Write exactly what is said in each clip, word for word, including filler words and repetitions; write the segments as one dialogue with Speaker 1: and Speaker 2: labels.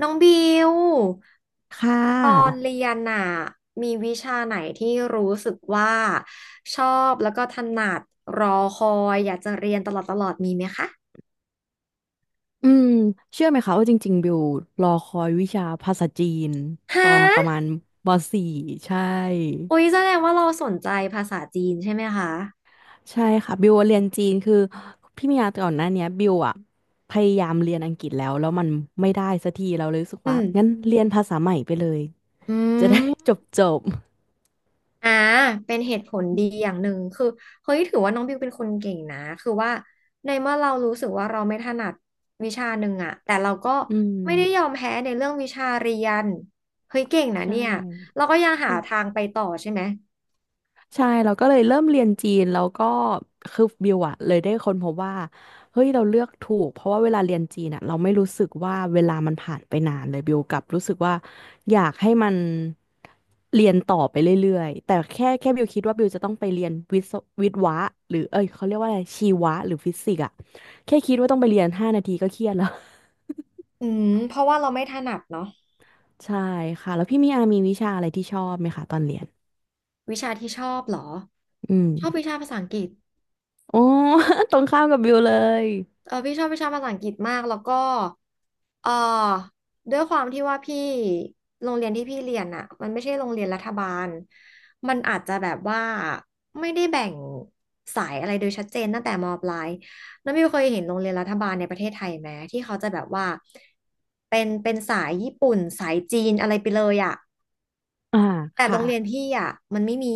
Speaker 1: น้องบิว
Speaker 2: ค่
Speaker 1: ตอน
Speaker 2: ะ
Speaker 1: เรียนน่ะมีวิชาไหนที่รู้สึกว่าชอบแล้วก็ถนัดรอคอยอยากจะเรียนตลอดตลอดมีไหมคะ
Speaker 2: อืมเชื่อไหมคะว่าจริงๆบิวรอคอยวิชาภาษาจีน
Speaker 1: ฮ
Speaker 2: ตอนประมา
Speaker 1: ะ
Speaker 2: ณม .สี่ ใช่
Speaker 1: โอ้ยแสดงว่าเราสนใจภาษาจีนใช่ไหมคะ
Speaker 2: ใช่ค่ะบิวเรียนจีนคือพี่มียาก่อนหน้าเนี้ยบิวอะพยายามเรียนอังกฤษแล้วแล้วมันไม่ได้สักทีเราเลยรู้สึก
Speaker 1: อื
Speaker 2: ว่า
Speaker 1: ม
Speaker 2: งั้นเรียนภาษาใหม่ไปเลย
Speaker 1: อื
Speaker 2: จะได้
Speaker 1: ม
Speaker 2: จบจบ
Speaker 1: อ่าเป็นเหตุผลดีอย่างหนึ่งคือเฮ้ยถือว่าน้องบิวเป็นคนเก่งนะคือว่าในเมื่อเรารู้สึกว่าเราไม่ถนัดวิชาหนึ่งอะแต่เราก็
Speaker 2: อื
Speaker 1: ไม่ได้ยอ
Speaker 2: ม
Speaker 1: มแพ้ในเรื่องวิชาเรียนเฮ้ยเก่งนะ
Speaker 2: ใช่
Speaker 1: เนี่ยเราก็ยังหาทางไปต่อใช่ไหม
Speaker 2: ใช่เราก็เลยเริ่มเรียนจีนแล้วก็คือบิวอะเลยได้ค้นพบว่าเฮ้ยเราเลือกถูกเพราะว่าเวลาเรียนจีนอะเราไม่รู้สึกว่าเวลามันผ่านไปนานเลยบิวกลับรู้สึกว่าอยากให้มันเรียนต่อไปเรื่อยๆแต่แค่แค่บิวคิดว่าบิวจะต้องไปเรียนวิศววิศวะหรือเอ้ยเขาเรียกว่าอะไรชีวะหรือฟิสิกส์อะแค่คิดว่าต้องไปเรียนห้านาทีก็เครียดแล้ว
Speaker 1: อืมเพราะว่าเราไม่ถนัดเนาะ
Speaker 2: ใช่ค่ะแล้วพี่มีอามีวิชาอะไรที่ชอบไหมคะตอนเรียน
Speaker 1: วิชาที่ชอบเหรอ
Speaker 2: อืม
Speaker 1: ชอบวิชาภาษาอังกฤษ
Speaker 2: โอ้ ตรงข้ามกับบิวเลย
Speaker 1: เออพี่ชอบวิชาภาษาอังกฤษมากแล้วก็เออด้วยความที่ว่าพี่โรงเรียนที่พี่เรียนอ่ะมันไม่ใช่โรงเรียนรัฐบาลมันอาจจะแบบว่าไม่ได้แบ่งสายอะไรโดยชัดเจนตั้งแต่มปลายน้องมิวเคยเห็นโรงเรียนรัฐบาลในประเทศไทยไหมที่เขาจะแบบว่าเป็นเป็นสายญี่ปุ่นสายจีนอะไรไปเลยอ่ะ
Speaker 2: อ่า
Speaker 1: แต่โร
Speaker 2: ค่ะ
Speaker 1: งเรียนพี่อ่ะมันไม่มี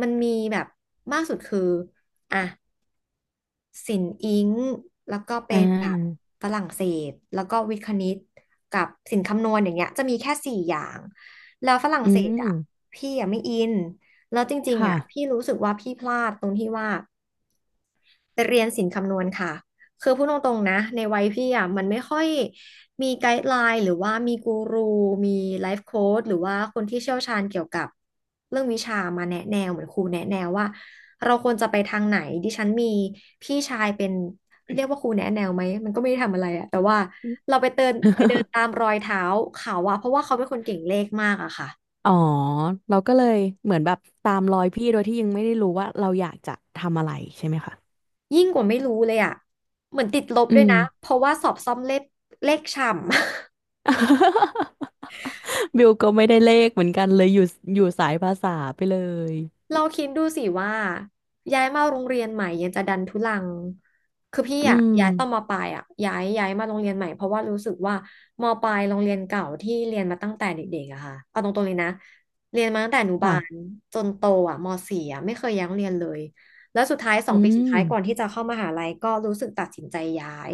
Speaker 1: มันมีแบบมากสุดคืออ่ะ ศิลป์อิงค์แล้วก็
Speaker 2: อ่
Speaker 1: เป็นแบบ
Speaker 2: า
Speaker 1: ฝรั่งเศสแล้วก็วิทย์คณิตกับศิลป์คำนวณอย่างเงี้ยจะมีแค่สี่อย่างแล้วฝรั่ง
Speaker 2: อื
Speaker 1: เศสอ่ะ
Speaker 2: ม
Speaker 1: พี่อ่ะไม่อินแล้วจริงๆ
Speaker 2: ค่ะ
Speaker 1: อ่ะพี่รู้สึกว่าพี่พลาดตรงที่ว่า ไปเรียนศิลป์คำนวณค่ะคือพูดตรงๆนะในวัยพี่อ่ะมันไม่ค่อยมีไกด์ไลน์หรือว่ามีกูรูมีไลฟ์โค้ชหรือว่าคนที่เชี่ยวชาญเกี่ยวกับเรื่องวิชามาแนะแนวเหมือนครูแนะแนวว่าเราควรจะไปทางไหนดิฉันมีพี่ชายเป็นเรียกว่าครูแนะแนวไหมมันก็ไม่ได้ทำอะไรอะแต่ว่าเราไปเดินไปเดินตาม รอยเท้าเขาอะเพราะว่าเขาเป็นคนเก่งเลขมากอะค่ะ
Speaker 2: อ๋อ เราก็เลยเหมือนแบบตามรอยพี่โดยที่ยังไม่ได้รู้ว่าเราอยากจะทำอะไรใช่ไหมคะ
Speaker 1: ยิ่งกว่าไม่รู้เลยอะเหมือนติดลบ
Speaker 2: อื
Speaker 1: ด้วย
Speaker 2: ม
Speaker 1: นะเพราะว่าสอบซ่อมเลขเลขฉ่ำ
Speaker 2: บิวก็ไม่ได้เลขเหมือนกันเลยอยู่อยู่สายภาษาไปเลย
Speaker 1: เราคิดดูสิว่าย้ายมาโรงเรียนใหม่ยังจะดันทุลังคือพี่
Speaker 2: อื
Speaker 1: อะ
Speaker 2: ม
Speaker 1: ย้ายตอนมปลายอะย้ายย้ายมาโรงเรียนใหม่เพราะว่ารู้สึกว่ามปลายโรงเรียนเก่าที่เรียนมาตั้งแต่เด็กๆอะค่ะเอาตรงๆเลยนะเรียนมาตั้งแต่อนุบาล
Speaker 2: ค่ะ
Speaker 1: จนโตอะมสี่อะไม่เคยย้ายโรงเรียนเลยแล้วสุดท้ายสอ
Speaker 2: อื
Speaker 1: งปีสุดท้ายก่อน
Speaker 2: ม
Speaker 1: ที่จะเข้ามหาลัยก็รู้สึกตัดสินใจย้าย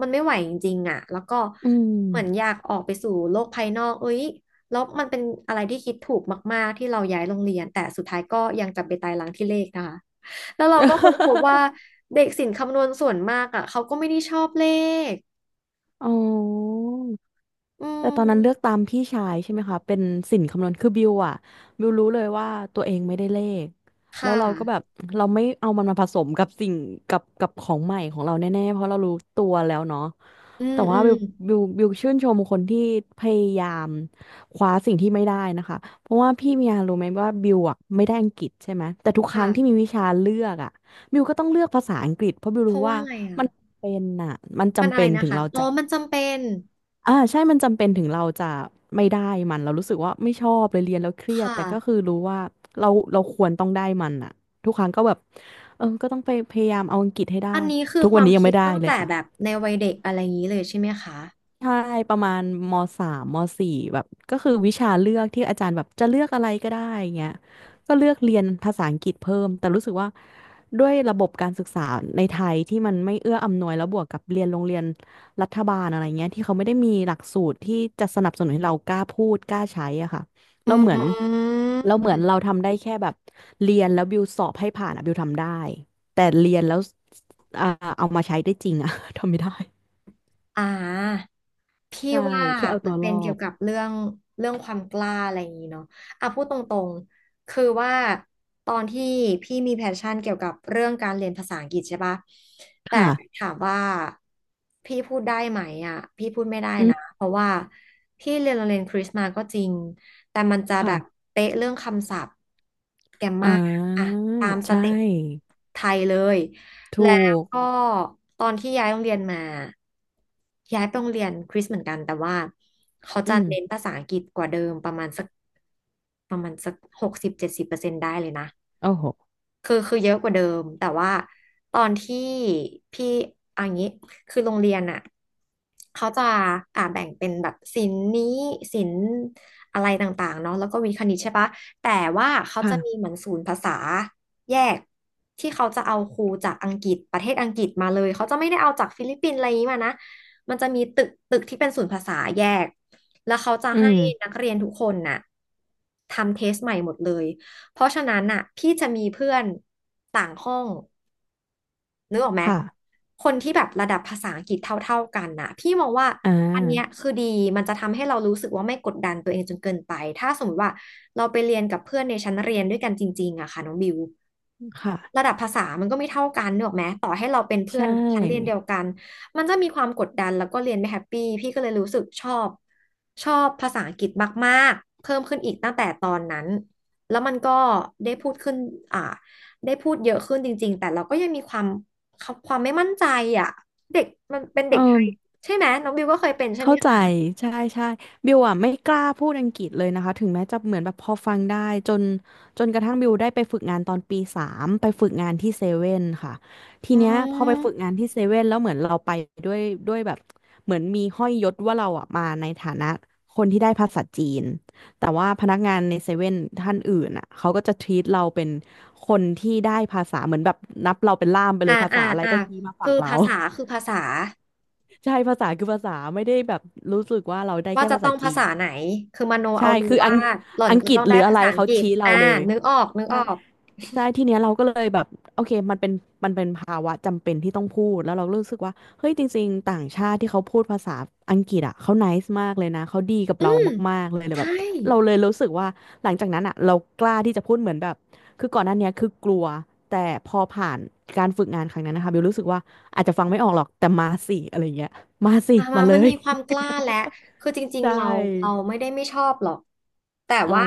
Speaker 1: มันไม่ไหวจริงๆอะแล้วก็
Speaker 2: อืม
Speaker 1: เหมือนอยากออกไปสู่โลกภายนอกเอ้ย แล้วมันเป็นอะไรที่คิดถูกมากๆที่เราย้ายโรงเรียนแต่สุดท้ายก็ยังจำไปตายร้างที่เลขนะคะแล้วเราก็ค้นพบว่า เด็กศิลป์คำนวณส่วนมากอ่ะเขาก็ไม่ได้ชอบเลข
Speaker 2: อ๋อ
Speaker 1: อื
Speaker 2: แต่ตอนนั้นเลือก
Speaker 1: ม
Speaker 2: ตามพี่ชายใช่ไหมคะเป็นสินคำนวณคือบิวอะบิวรู้เลยว่าตัวเองไม่ได้เลขแล้
Speaker 1: ค่ะ
Speaker 2: วเราก็แบบเราไม่เอามันมาผสมกับสิ่งกับกับของใหม่ของเราแน่ๆเพราะเรารู้ตัวแล้วเนาะ
Speaker 1: อืม
Speaker 2: แต่
Speaker 1: อื
Speaker 2: ว่า
Speaker 1: ม
Speaker 2: บิวบิวบิวชื่นชมคนที่พยายามคว้าสิ่งที่ไม่ได้นะคะเพราะว่าพี่มียารู้ไหมว่าบิวอะไม่ได้อังกฤษใช่ไหมแต่ทุก
Speaker 1: ค
Speaker 2: ครั้งที่มี
Speaker 1: ่ะ
Speaker 2: วิชาเลือกอะบิวก็ต้องเลือกภาษาอังกฤษเพราะบิว
Speaker 1: เพ
Speaker 2: รู้
Speaker 1: ราะว่า
Speaker 2: ว่า
Speaker 1: อะไรอ่ะ
Speaker 2: มันเป็นอะมัน
Speaker 1: มัน
Speaker 2: จำ
Speaker 1: อะไร
Speaker 2: เป็น
Speaker 1: นะ
Speaker 2: ถึง
Speaker 1: คะ
Speaker 2: เรา
Speaker 1: อ๋อ
Speaker 2: จะ
Speaker 1: มันจำเป็น
Speaker 2: อ่าใช่มันจำเป็นถึงเราจะไม่ได้มันเรารู้สึกว่าไม่ชอบเลยเรียนแล้วเครียด
Speaker 1: ค่ะ
Speaker 2: แต่ก็คือรู้ว่าเราเราควรต้องได้มันอะทุกครั้งก็แบบเออก็ต้องไปพยายามเอาอังกฤษให้ได้
Speaker 1: อันนี้คือ
Speaker 2: ทุก
Speaker 1: ค
Speaker 2: วัน
Speaker 1: วาม
Speaker 2: นี้ยัง
Speaker 1: คิ
Speaker 2: ไม่
Speaker 1: ด
Speaker 2: ได้
Speaker 1: ตั้ง
Speaker 2: เลย
Speaker 1: แต่
Speaker 2: ค่ะ
Speaker 1: แบบในวัยเด็กอะไรอย่างนี้เลยใช่ไหมคะ
Speaker 2: ใช่ประมาณมสามมสี่แบบก็คือวิชาเลือกที่อาจารย์แบบจะเลือกอะไรก็ได้เงี้ยก็เลือกเรียนภาษาอังกฤษเพิ่มแต่รู้สึกว่าด้วยระบบการศึกษาในไทยที่มันไม่เอื้ออำนวยแล้วบวกกับเรียนโรงเรียนรัฐบาลอะไรเงี้ยที่เขาไม่ได้มีหลักสูตรที่จะสนับสนุนให้เรากล้าพูดกล้าใช้อะค่ะ
Speaker 1: อื
Speaker 2: เราเหมือนเราเหมื
Speaker 1: ม
Speaker 2: อนเราทำได้แค่แบบเรียนแล้วบิวสอบให้ผ่านอะบิวทำได้แต่เรียนแล้วอ่าเอามาใช้ได้จริงอะ ทำไม่ได้
Speaker 1: อ่า พี่
Speaker 2: ใช่
Speaker 1: ว่า
Speaker 2: แค่เอา
Speaker 1: มั
Speaker 2: ตั
Speaker 1: น
Speaker 2: วร
Speaker 1: เป็
Speaker 2: อ
Speaker 1: นเกี่ย
Speaker 2: ด
Speaker 1: วกับเรื่องเรื่องความกล้าอะไรอย่างนี้เนาะอ่ะพูดตรงๆคือว่าตอนที่พี่มีแพชชั่นเกี่ยวกับเรื่องการเรียนภาษาอังกฤษใช่ปะแต่
Speaker 2: ค่ะ
Speaker 1: ถามว่าพี่พูดได้ไหมอ่ะพี่พูดไม่ได้
Speaker 2: อื
Speaker 1: นะ
Speaker 2: ม
Speaker 1: เพราะว่าพี่เรียนโรงเรียนคริสต์มาก็จริงแต่มันจะแบ
Speaker 2: ค่ะ
Speaker 1: บเป๊ะเรื่องคำศัพท์แกรม
Speaker 2: อ่
Speaker 1: มาอ่ะ
Speaker 2: า
Speaker 1: ตามส
Speaker 2: ใช
Speaker 1: เต็ป
Speaker 2: ่
Speaker 1: ไทยเลย แล้
Speaker 2: ถู
Speaker 1: ว
Speaker 2: ก
Speaker 1: ก็ตอนที่ย้ายโรงเรียนมาย้ายไปโรงเรียนคริสเหมือนกันแต่ว่าเขา
Speaker 2: อื
Speaker 1: จะ
Speaker 2: ม
Speaker 1: เน้นภาษาอังกฤษกว่าเดิมประมาณสักประมาณสักหกสิบเจ็ดสิบเปอร์เซ็นต์ได้เลยนะ
Speaker 2: โอ้โห
Speaker 1: คือคือเยอะกว่าเดิมแต่ว่าตอนที่พี่เอันนี้คือโรงเรียนอ่ะเขาจะอ่าแบ่งเป็นแบบศิลป์นี้ศิลป์อะไรต่างๆเนาะแล้วก็วิทย์คณิตใช่ปะแต่ว่าเขาจะมี
Speaker 2: ค่ะ
Speaker 1: เหมือนศูนย์ภาษาแยกที่เขาจะเอาครูจากอังกฤษประเทศอังกฤษมาเลยเขาจะไม่ได้เอาจากฟิลิปปินส์อะไรอย่างนี้มานะมันจะมีตึกตึกที่เป็นศูนย์ภาษาแยกแล้วเขาจะ
Speaker 2: อื
Speaker 1: ให้นั
Speaker 2: ม
Speaker 1: กเรียนทุกคนน่ะทำเทสใหม่หมดเลย เพราะฉะนั้นอ่ะพี่จะมีเพื่อนต่างห้อง นึกออกไหม
Speaker 2: ค่ะ
Speaker 1: คนที่แบบระดับภาษาอังกฤษเท่าๆกันน่ะพี่มองว่า
Speaker 2: อ่
Speaker 1: อันเนี้ย
Speaker 2: า
Speaker 1: คือดีมันจะทำให้เรารู้สึกว่าไม่กดดันตัวเองจนเกินไปถ้าสมมติว่าเราไปเรียนกับเพื่อนในชั้นเรียนด้วยกันจริงๆอะค่ะน้องบิว
Speaker 2: ค่ะ
Speaker 1: ระดับภาษามันก็ไม่เท่ากันเนึกออกไหมต่อให้เราเป็น
Speaker 2: ใช
Speaker 1: เพื่อนชั้นเรียนเดี
Speaker 2: ่
Speaker 1: ยวกันมันจะมีความกดดันแล้วก็เรียนไม่แฮปปี้พี่ก็เลยรู้สึกชอบชอบภาษาอังกฤษมากๆเพิ่มขึ้นอีกตั้งแต่ตอนนั้นแล้วมันก็ได้พูดขึ้นอ่าได้พูดเยอะขึ้นจริงๆแต่เราก็ยังมีความ ความไม่มั่นใจอ่ะเด็กมันเป็น
Speaker 2: เอ
Speaker 1: เด็กไท
Speaker 2: อ
Speaker 1: ยใช่ไหมน้องบิวก็เคยเป็นใช่ไหม
Speaker 2: เข้าใจ
Speaker 1: คะ
Speaker 2: ใช่ใช่บิวอ่ะไม่กล้าพูดอังกฤษเลยนะคะถึงแม้จะเหมือนแบบพอฟังได้จนจนกระทั่งบิวได้ไปฝึกงานตอนปีสามไปฝึกงานที่เซเว่นค่ะที
Speaker 1: อื
Speaker 2: เนี้ยพอไปฝึก
Speaker 1: ม
Speaker 2: งานที่เซเว่นแล้วเหมือนเราไปด้วยด้วยแบบเหมือนมีห้อยยศว่าเราอ่ะมาในฐานะคนที่ได้ภาษาจีนแต่ว่าพนักงานในเซเว่นท่านอื่นอ่ะเขาก็จะทรีตเราเป็นคนที่ได้ภาษาเหมือนแบบนับเราเป็นล่ามไปเล
Speaker 1: อ่า
Speaker 2: ยภา
Speaker 1: อ่า
Speaker 2: ษาอะไร
Speaker 1: อ่า
Speaker 2: ก็ชี้มา
Speaker 1: คื
Speaker 2: ฝั่
Speaker 1: อ
Speaker 2: งเรา
Speaker 1: ภาษาคือภาษา
Speaker 2: ใช่ภาษาคือภาษาไม่ได้แบบรู้สึกว่าเราได้
Speaker 1: ว่า
Speaker 2: แค่
Speaker 1: จะ
Speaker 2: ภา
Speaker 1: ต้
Speaker 2: ษา
Speaker 1: อง
Speaker 2: จี
Speaker 1: ภา
Speaker 2: น
Speaker 1: ษาไหนคือมโน
Speaker 2: ใช่
Speaker 1: เอาเลย
Speaker 2: คืออั
Speaker 1: ว่า
Speaker 2: ง
Speaker 1: หล่อน
Speaker 2: อัง
Speaker 1: ก็
Speaker 2: กฤ
Speaker 1: ต้
Speaker 2: ษ
Speaker 1: อง
Speaker 2: ห
Speaker 1: ได้
Speaker 2: รืออะ
Speaker 1: ภา
Speaker 2: ไร
Speaker 1: ษาอัง
Speaker 2: เขา
Speaker 1: กฤษ
Speaker 2: ชี้เรา
Speaker 1: อ่า
Speaker 2: เลย
Speaker 1: นึกออกนึก
Speaker 2: ใช่
Speaker 1: ออก
Speaker 2: ใช่ทีเนี้ยเราก็เลยแบบโอเคมันเป็นมันเป็นภาวะจำเป็นที่ต้องพูดแล้วเรารู้สึกว่าเฮ้ยจริงๆต่างชาติที่เขาพูดภาษาอังกฤษอ่ะเขา n น c e มากเลยนะเขาดีกับ
Speaker 1: อื
Speaker 2: เรา
Speaker 1: ม
Speaker 2: มากๆเลยเลยแบ
Speaker 1: ใช่
Speaker 2: บเราเลยรู้สึกว่าหลังจากนั้นอ่ะเรากล้าที่จะพูดเหมือนแบบคือก่อนหน้าเนี้ยคือกลัวแต่พอผ่านการฝึกงานครั้งนั้นนะคะบิวรู้สึกว่าอาจจะฟังไม่ออกหรอกแต่มาสิอะไรเงี้ยมาสิ
Speaker 1: อ่า
Speaker 2: มา
Speaker 1: มา
Speaker 2: เล
Speaker 1: มัน
Speaker 2: ย
Speaker 1: มีความกล้าและคือจ ริง
Speaker 2: ใช
Speaker 1: ๆเราเรา
Speaker 2: ่
Speaker 1: ไม่ได้ไม่ชอบหรอกแต่
Speaker 2: อ๋อ
Speaker 1: ว่า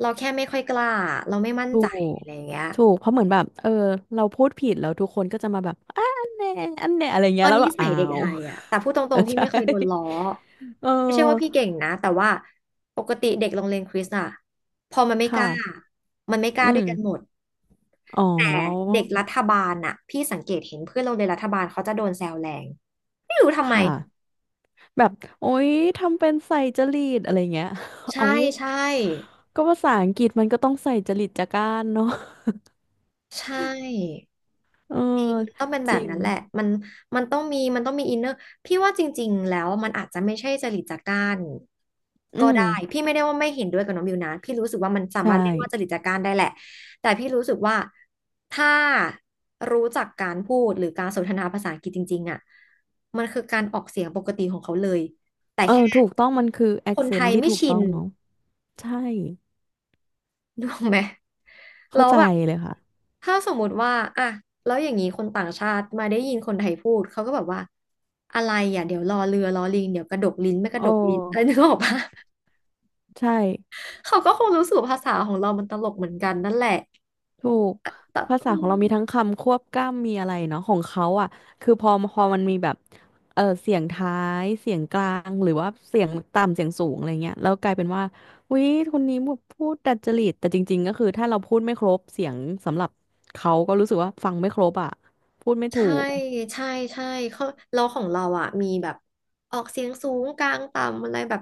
Speaker 1: เราแค่ไม่ค่อยกล้าเราไม่มั่น
Speaker 2: ถู
Speaker 1: ใจ
Speaker 2: ก
Speaker 1: อะไรอย่างเงี้ย
Speaker 2: ถูก เพราะเหมือนแบบเออเราพูดผิดแล้วทุกคนก็จะมาแบบอะอันเน่อันเน่อะไร
Speaker 1: เอ
Speaker 2: เงี้ย
Speaker 1: อ
Speaker 2: แล้ว
Speaker 1: นิ
Speaker 2: แบบ
Speaker 1: สั
Speaker 2: อ้า
Speaker 1: ยเด็ก
Speaker 2: ว
Speaker 1: ไทยอ่ะแต่พูดต ร
Speaker 2: เออ
Speaker 1: งๆพี่
Speaker 2: ใช่
Speaker 1: ไม่เคยโดนล้อ
Speaker 2: เอ
Speaker 1: ไม่ใช่ว่าพี่
Speaker 2: อ
Speaker 1: เก่งนะแต่ว่าปกติเด็กโรงเรียนคริสต์อ่ะพอมันไม่ก
Speaker 2: ค่ะ
Speaker 1: ล้ามันไม่กล้า
Speaker 2: อื
Speaker 1: ด้ว
Speaker 2: ม
Speaker 1: ยกันหมด
Speaker 2: อ๋อ
Speaker 1: แต่เด็กรัฐบาลอ่ะพี่สังเกตเห็นเพื่อนโรงเรียนรัฐบาลเขาจะโดนแซวแรงไม่รู้ทำ
Speaker 2: ค
Speaker 1: ไม
Speaker 2: ่ะ แบบ โอ๊ย ทำเป็นใส่จริตอะไรเงี้ย เอา
Speaker 1: ใช่ใช่
Speaker 2: ก็ภาษาอังกฤษมันก็ต้องใส่จริตจาก้านเนาะ
Speaker 1: ใช่
Speaker 2: เออ
Speaker 1: จริงมันต้องเป็นแบ
Speaker 2: จริ
Speaker 1: บ
Speaker 2: ง
Speaker 1: นั้นแหละมันมันต้องมีมันต้องมีอินเนอร์พี่ว่าจริงๆแล้วมันอาจจะไม่ใช่จริตจากร้าน
Speaker 2: อื
Speaker 1: ก็
Speaker 2: ม
Speaker 1: ได้พี่ไม่ได้ว่าไม่เห็นด้วยกับน้องบิวนะพี่รู้สึกว่ามันสา
Speaker 2: ใช่
Speaker 1: มารถเรียกว่าจริตจากร้านได้แหละแต่พี่รู้สึกว่าถ้ารู้จักการพูดหรือการสนทนาภาษาอังกฤษจริงๆอ่ะมันคือการออกเสียงปกติของเขาเลยแต่
Speaker 2: เออ
Speaker 1: แค่
Speaker 2: ถูกต้องมันคือ
Speaker 1: คนไท
Speaker 2: accent
Speaker 1: ย
Speaker 2: ที่
Speaker 1: ไม่
Speaker 2: ถูก
Speaker 1: ชิ
Speaker 2: ต้อ
Speaker 1: น
Speaker 2: งเนาะใช่
Speaker 1: ถูกออกไหมแล้
Speaker 2: เข้า
Speaker 1: ว
Speaker 2: ใจ
Speaker 1: แบบ
Speaker 2: เลยค่ะ
Speaker 1: ถ้าสมมุติว่าอ่ะแล้วอย่างนี้คนต่างชาติมาได้ยินคนไทยพูด เขาก็แบบว่า อะไรอ่ะเดี๋ยวรอเรือรอลิงเดี๋ยวกระดกลิ้นไม่ก
Speaker 2: โอ
Speaker 1: ระดกลิ้น อะไร
Speaker 2: ้
Speaker 1: นึกออกปะ
Speaker 2: ใช่
Speaker 1: เขาก็คงรู้สึกว่าภาษาของเรา มันตลกเหมือนกันนั่นแหละ
Speaker 2: ถูก
Speaker 1: แต่
Speaker 2: ภาษา
Speaker 1: อื
Speaker 2: ของเรา
Speaker 1: ม
Speaker 2: มีทั้งคำควบกล้ำมีอะไรเนาะของเขาอ่ะคือพอพอมันมีแบบเออเสียงท้ายเสียงกลางหรือว่าเสียงต่ำเสียงสูงอะไรเงี้ยแล้วกลายเป็นว่าอุ๊ยคนนี้แบบพูดดัดจริตแต่จริงๆก็คือถ้าเราพูดไม่ครบเสียงสำหรับเขาก็รู้สึกว่าฟังไม่ครบอ่ะพูดไม่ถู
Speaker 1: ใช่
Speaker 2: ก
Speaker 1: ใช่ใช่เขาเราของเราอ่ะมีแบบออกเสียงสูงกลางต่ำอะไรแบบ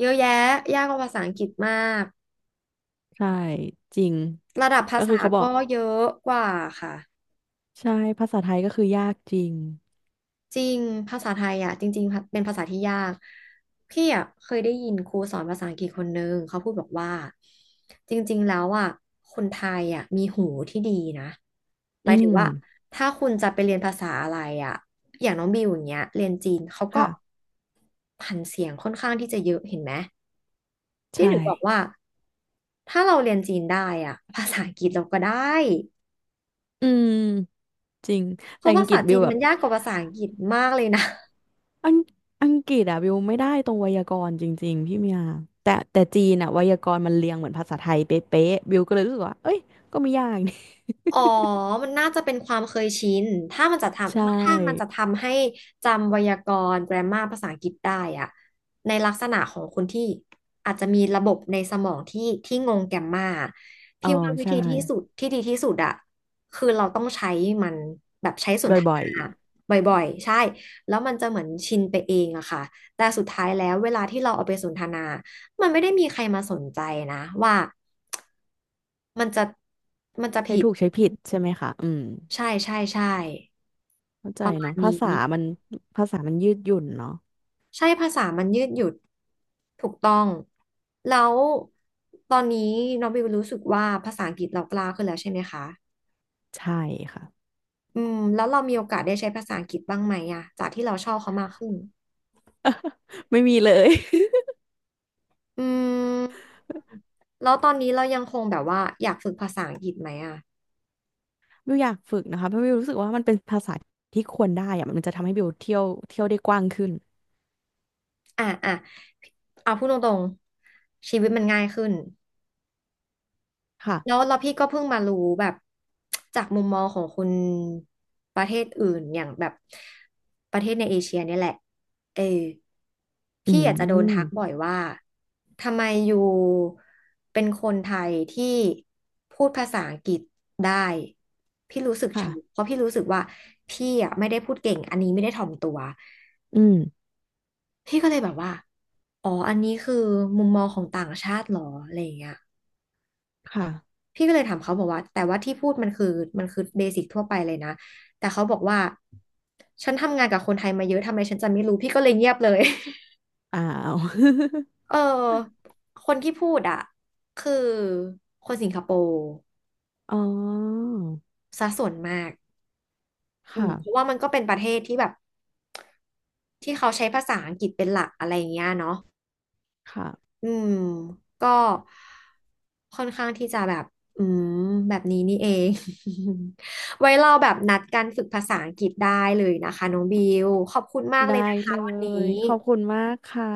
Speaker 1: เยอะแยะ ยากกว่าภาษาอังกฤษมาก
Speaker 2: ใช่จริง
Speaker 1: ระดับภา
Speaker 2: ก็คือ
Speaker 1: ษา
Speaker 2: เขาบอก
Speaker 1: ก็เยอะกว่าค่ะ
Speaker 2: ใช่ภาษาไทยก็คือยากจริง
Speaker 1: จริงภาษาไทยอ่ะจริงๆเป็นภาษาที่ยากพี่อ่ะเคยได้ยินครูสอนภาษาอังกฤษคนนึงเขาพูดบอกว่าจริงๆแล้วอ่ะคนไทยอ่ะมีหูที่ดีนะห
Speaker 2: อื
Speaker 1: มายถึง
Speaker 2: ม
Speaker 1: ว่าถ้าคุณจะไปเรียนภาษาอะไรอ่ะอย่างน้องบิวอย่างเงี้ยเรียนจีนเขาก็
Speaker 2: ค่ะ
Speaker 1: ผันเสียงค่อนข้างที่จะเยอะเห็นไหมพี่
Speaker 2: ใช่
Speaker 1: ถึงบอกว่าถ้าเราเรียนจีนได้อ่ะภาษาอังกฤษเราก็ได้
Speaker 2: อืมจริง
Speaker 1: เพ
Speaker 2: แต่
Speaker 1: ราะ
Speaker 2: อั
Speaker 1: ภา
Speaker 2: งกฤ
Speaker 1: ษา
Speaker 2: ษบิ
Speaker 1: จี
Speaker 2: ว
Speaker 1: น
Speaker 2: แบ
Speaker 1: มั
Speaker 2: บ
Speaker 1: นยากกว่าภาษาอังกฤษมากเลยนะ
Speaker 2: อังอังกฤษอะวิวไม่ได้ตรงไวยากรณ์จริงๆพี่เมียแต่แต่จีนอะไวยากรณ์มันเรียงเหมือนภาษาไทยเป๊ะๆวิวก็เลยรู้สึกว่าเอ้ยก็ไม่ยาก นี่
Speaker 1: อ๋อ มันน่าจะเป็นความเคยชินถ้ามันจะท
Speaker 2: ใช
Speaker 1: ำถ้ามันจะ
Speaker 2: ่
Speaker 1: ทำให้จำไวยากรณ์ แกรมมาร์ ภาษาอังกฤษได้อะในลักษณะของคนที่อาจจะมีระบบในสมองที่ที่งง เอ เอ็ม เอ็ม มา
Speaker 2: อ๋อ
Speaker 1: พี่ว่าวิ
Speaker 2: ใช่
Speaker 1: ธีที่สุดที่ดีที่สุดอะคือเราต้องใช้มันแบบใช้สนท
Speaker 2: บ่อ
Speaker 1: นา
Speaker 2: ย
Speaker 1: บ่อยๆ ใช่ แล้วมันจะเหมือนชินไปเองอะค่ะแต่สุดท้ายแล้วเวลาที่เราเอาไปสนทนา มันไม่ได้มีใครมาสนใจนะว่ามันจะมันจะ
Speaker 2: ๆใช้
Speaker 1: ผิด
Speaker 2: ถูกใช้ผิดใช่ไหมคะอืม
Speaker 1: ใช่ใช่ใช่
Speaker 2: เข้าใจ
Speaker 1: ประมาณ
Speaker 2: เนาะภา
Speaker 1: นี้
Speaker 2: ษามันภาษามันยืดหยุ่นเนาะ
Speaker 1: ใช่ภาษามันยืดหยุ่นถูกต้องแล้วตอนนี้น้องบิวรู้สึกว่าภาษาอังกฤษเรากล้าขึ้นแล้วใช่ไหมคะ
Speaker 2: ใช่ค่ะ
Speaker 1: อืมแล้วเรามีโอกาสได้ใช้ภาษาอังกฤษบ้างไหมอะจากที่เราชอบเขามากขึ้น
Speaker 2: ไม่มีเลย
Speaker 1: อืมแล้วตอนนี้เรายังคงแบบว่าอยากฝึกภาษาอังกฤษไหมอะ
Speaker 2: วิวอยากฝึกนะคะเพราะวิวรู้สึกว่ามันเป็นภาษาที่ควรได้อะมันจะทำให้วิวเที่ยวเที่ยวได้กว้างขึ้น
Speaker 1: อ่ะอ่ะเอาพูดตรงๆชีวิตมันง่ายขึ้น แล้ว
Speaker 2: ค่ะ
Speaker 1: แล้วพี่ก็เพิ่งมารู้แบบจากมุมมองของคนประเทศอื่นอย่างแบบประเทศในเอเชียเนี่ยแหละเออ
Speaker 2: อื
Speaker 1: พี่อาจจะโดนทักบ่
Speaker 2: ม
Speaker 1: อยว่าทำไมอยู่เป็นคนไทยที่พูดภาษาอังกฤษได้พี่รู้สึกช็อก
Speaker 2: ค่ะ
Speaker 1: เพราะพี่รู้สึกว่าพี่อ่ะไม่ได้พูดเก่งอันนี้ไม่ได้ถ่อมตัว
Speaker 2: อืม
Speaker 1: พี่ก็เลยแบบว่าอ๋ออันนี้คือมุมมองของต่างชาติเหรออะไรอย่างเงี้ย
Speaker 2: ค่ะ
Speaker 1: พี่ก็เลยถามเขาบอกว่าแต่ว่าที่พูดมันคือมันคือเบสิกทั่วไปเลยนะแต่เขาบอกว่าฉันทำงานกับคนไทยมาเยอะทำไมฉันจะไม่รู้พี่ก็เลยเงียบเลย
Speaker 2: อ้าว
Speaker 1: เออคนที่พูดอ่ะคือคนสิงคโปร์
Speaker 2: อ๋อ
Speaker 1: ซะส่วนมากอืม
Speaker 2: ค่ะ
Speaker 1: เพราะว่ามันก็เป็นประเทศที่แบบที่เขาใช้ภาษาอังกฤษเป็นหลักอะไรอย่างเงี้ยเนาะ
Speaker 2: ค่ะ
Speaker 1: อืมก็ค่อนข้างที่จะแบบอืมแบบนี้นี่เอง ไว้เราแบบนัดกันฝึกภาษาอังกฤษได้เลยนะคะน้องบิวขอบคุณมากเล
Speaker 2: ได้
Speaker 1: ยนะ
Speaker 2: เล
Speaker 1: คะวัน
Speaker 2: ย
Speaker 1: นี้
Speaker 2: ขอบคุณมากค่ะ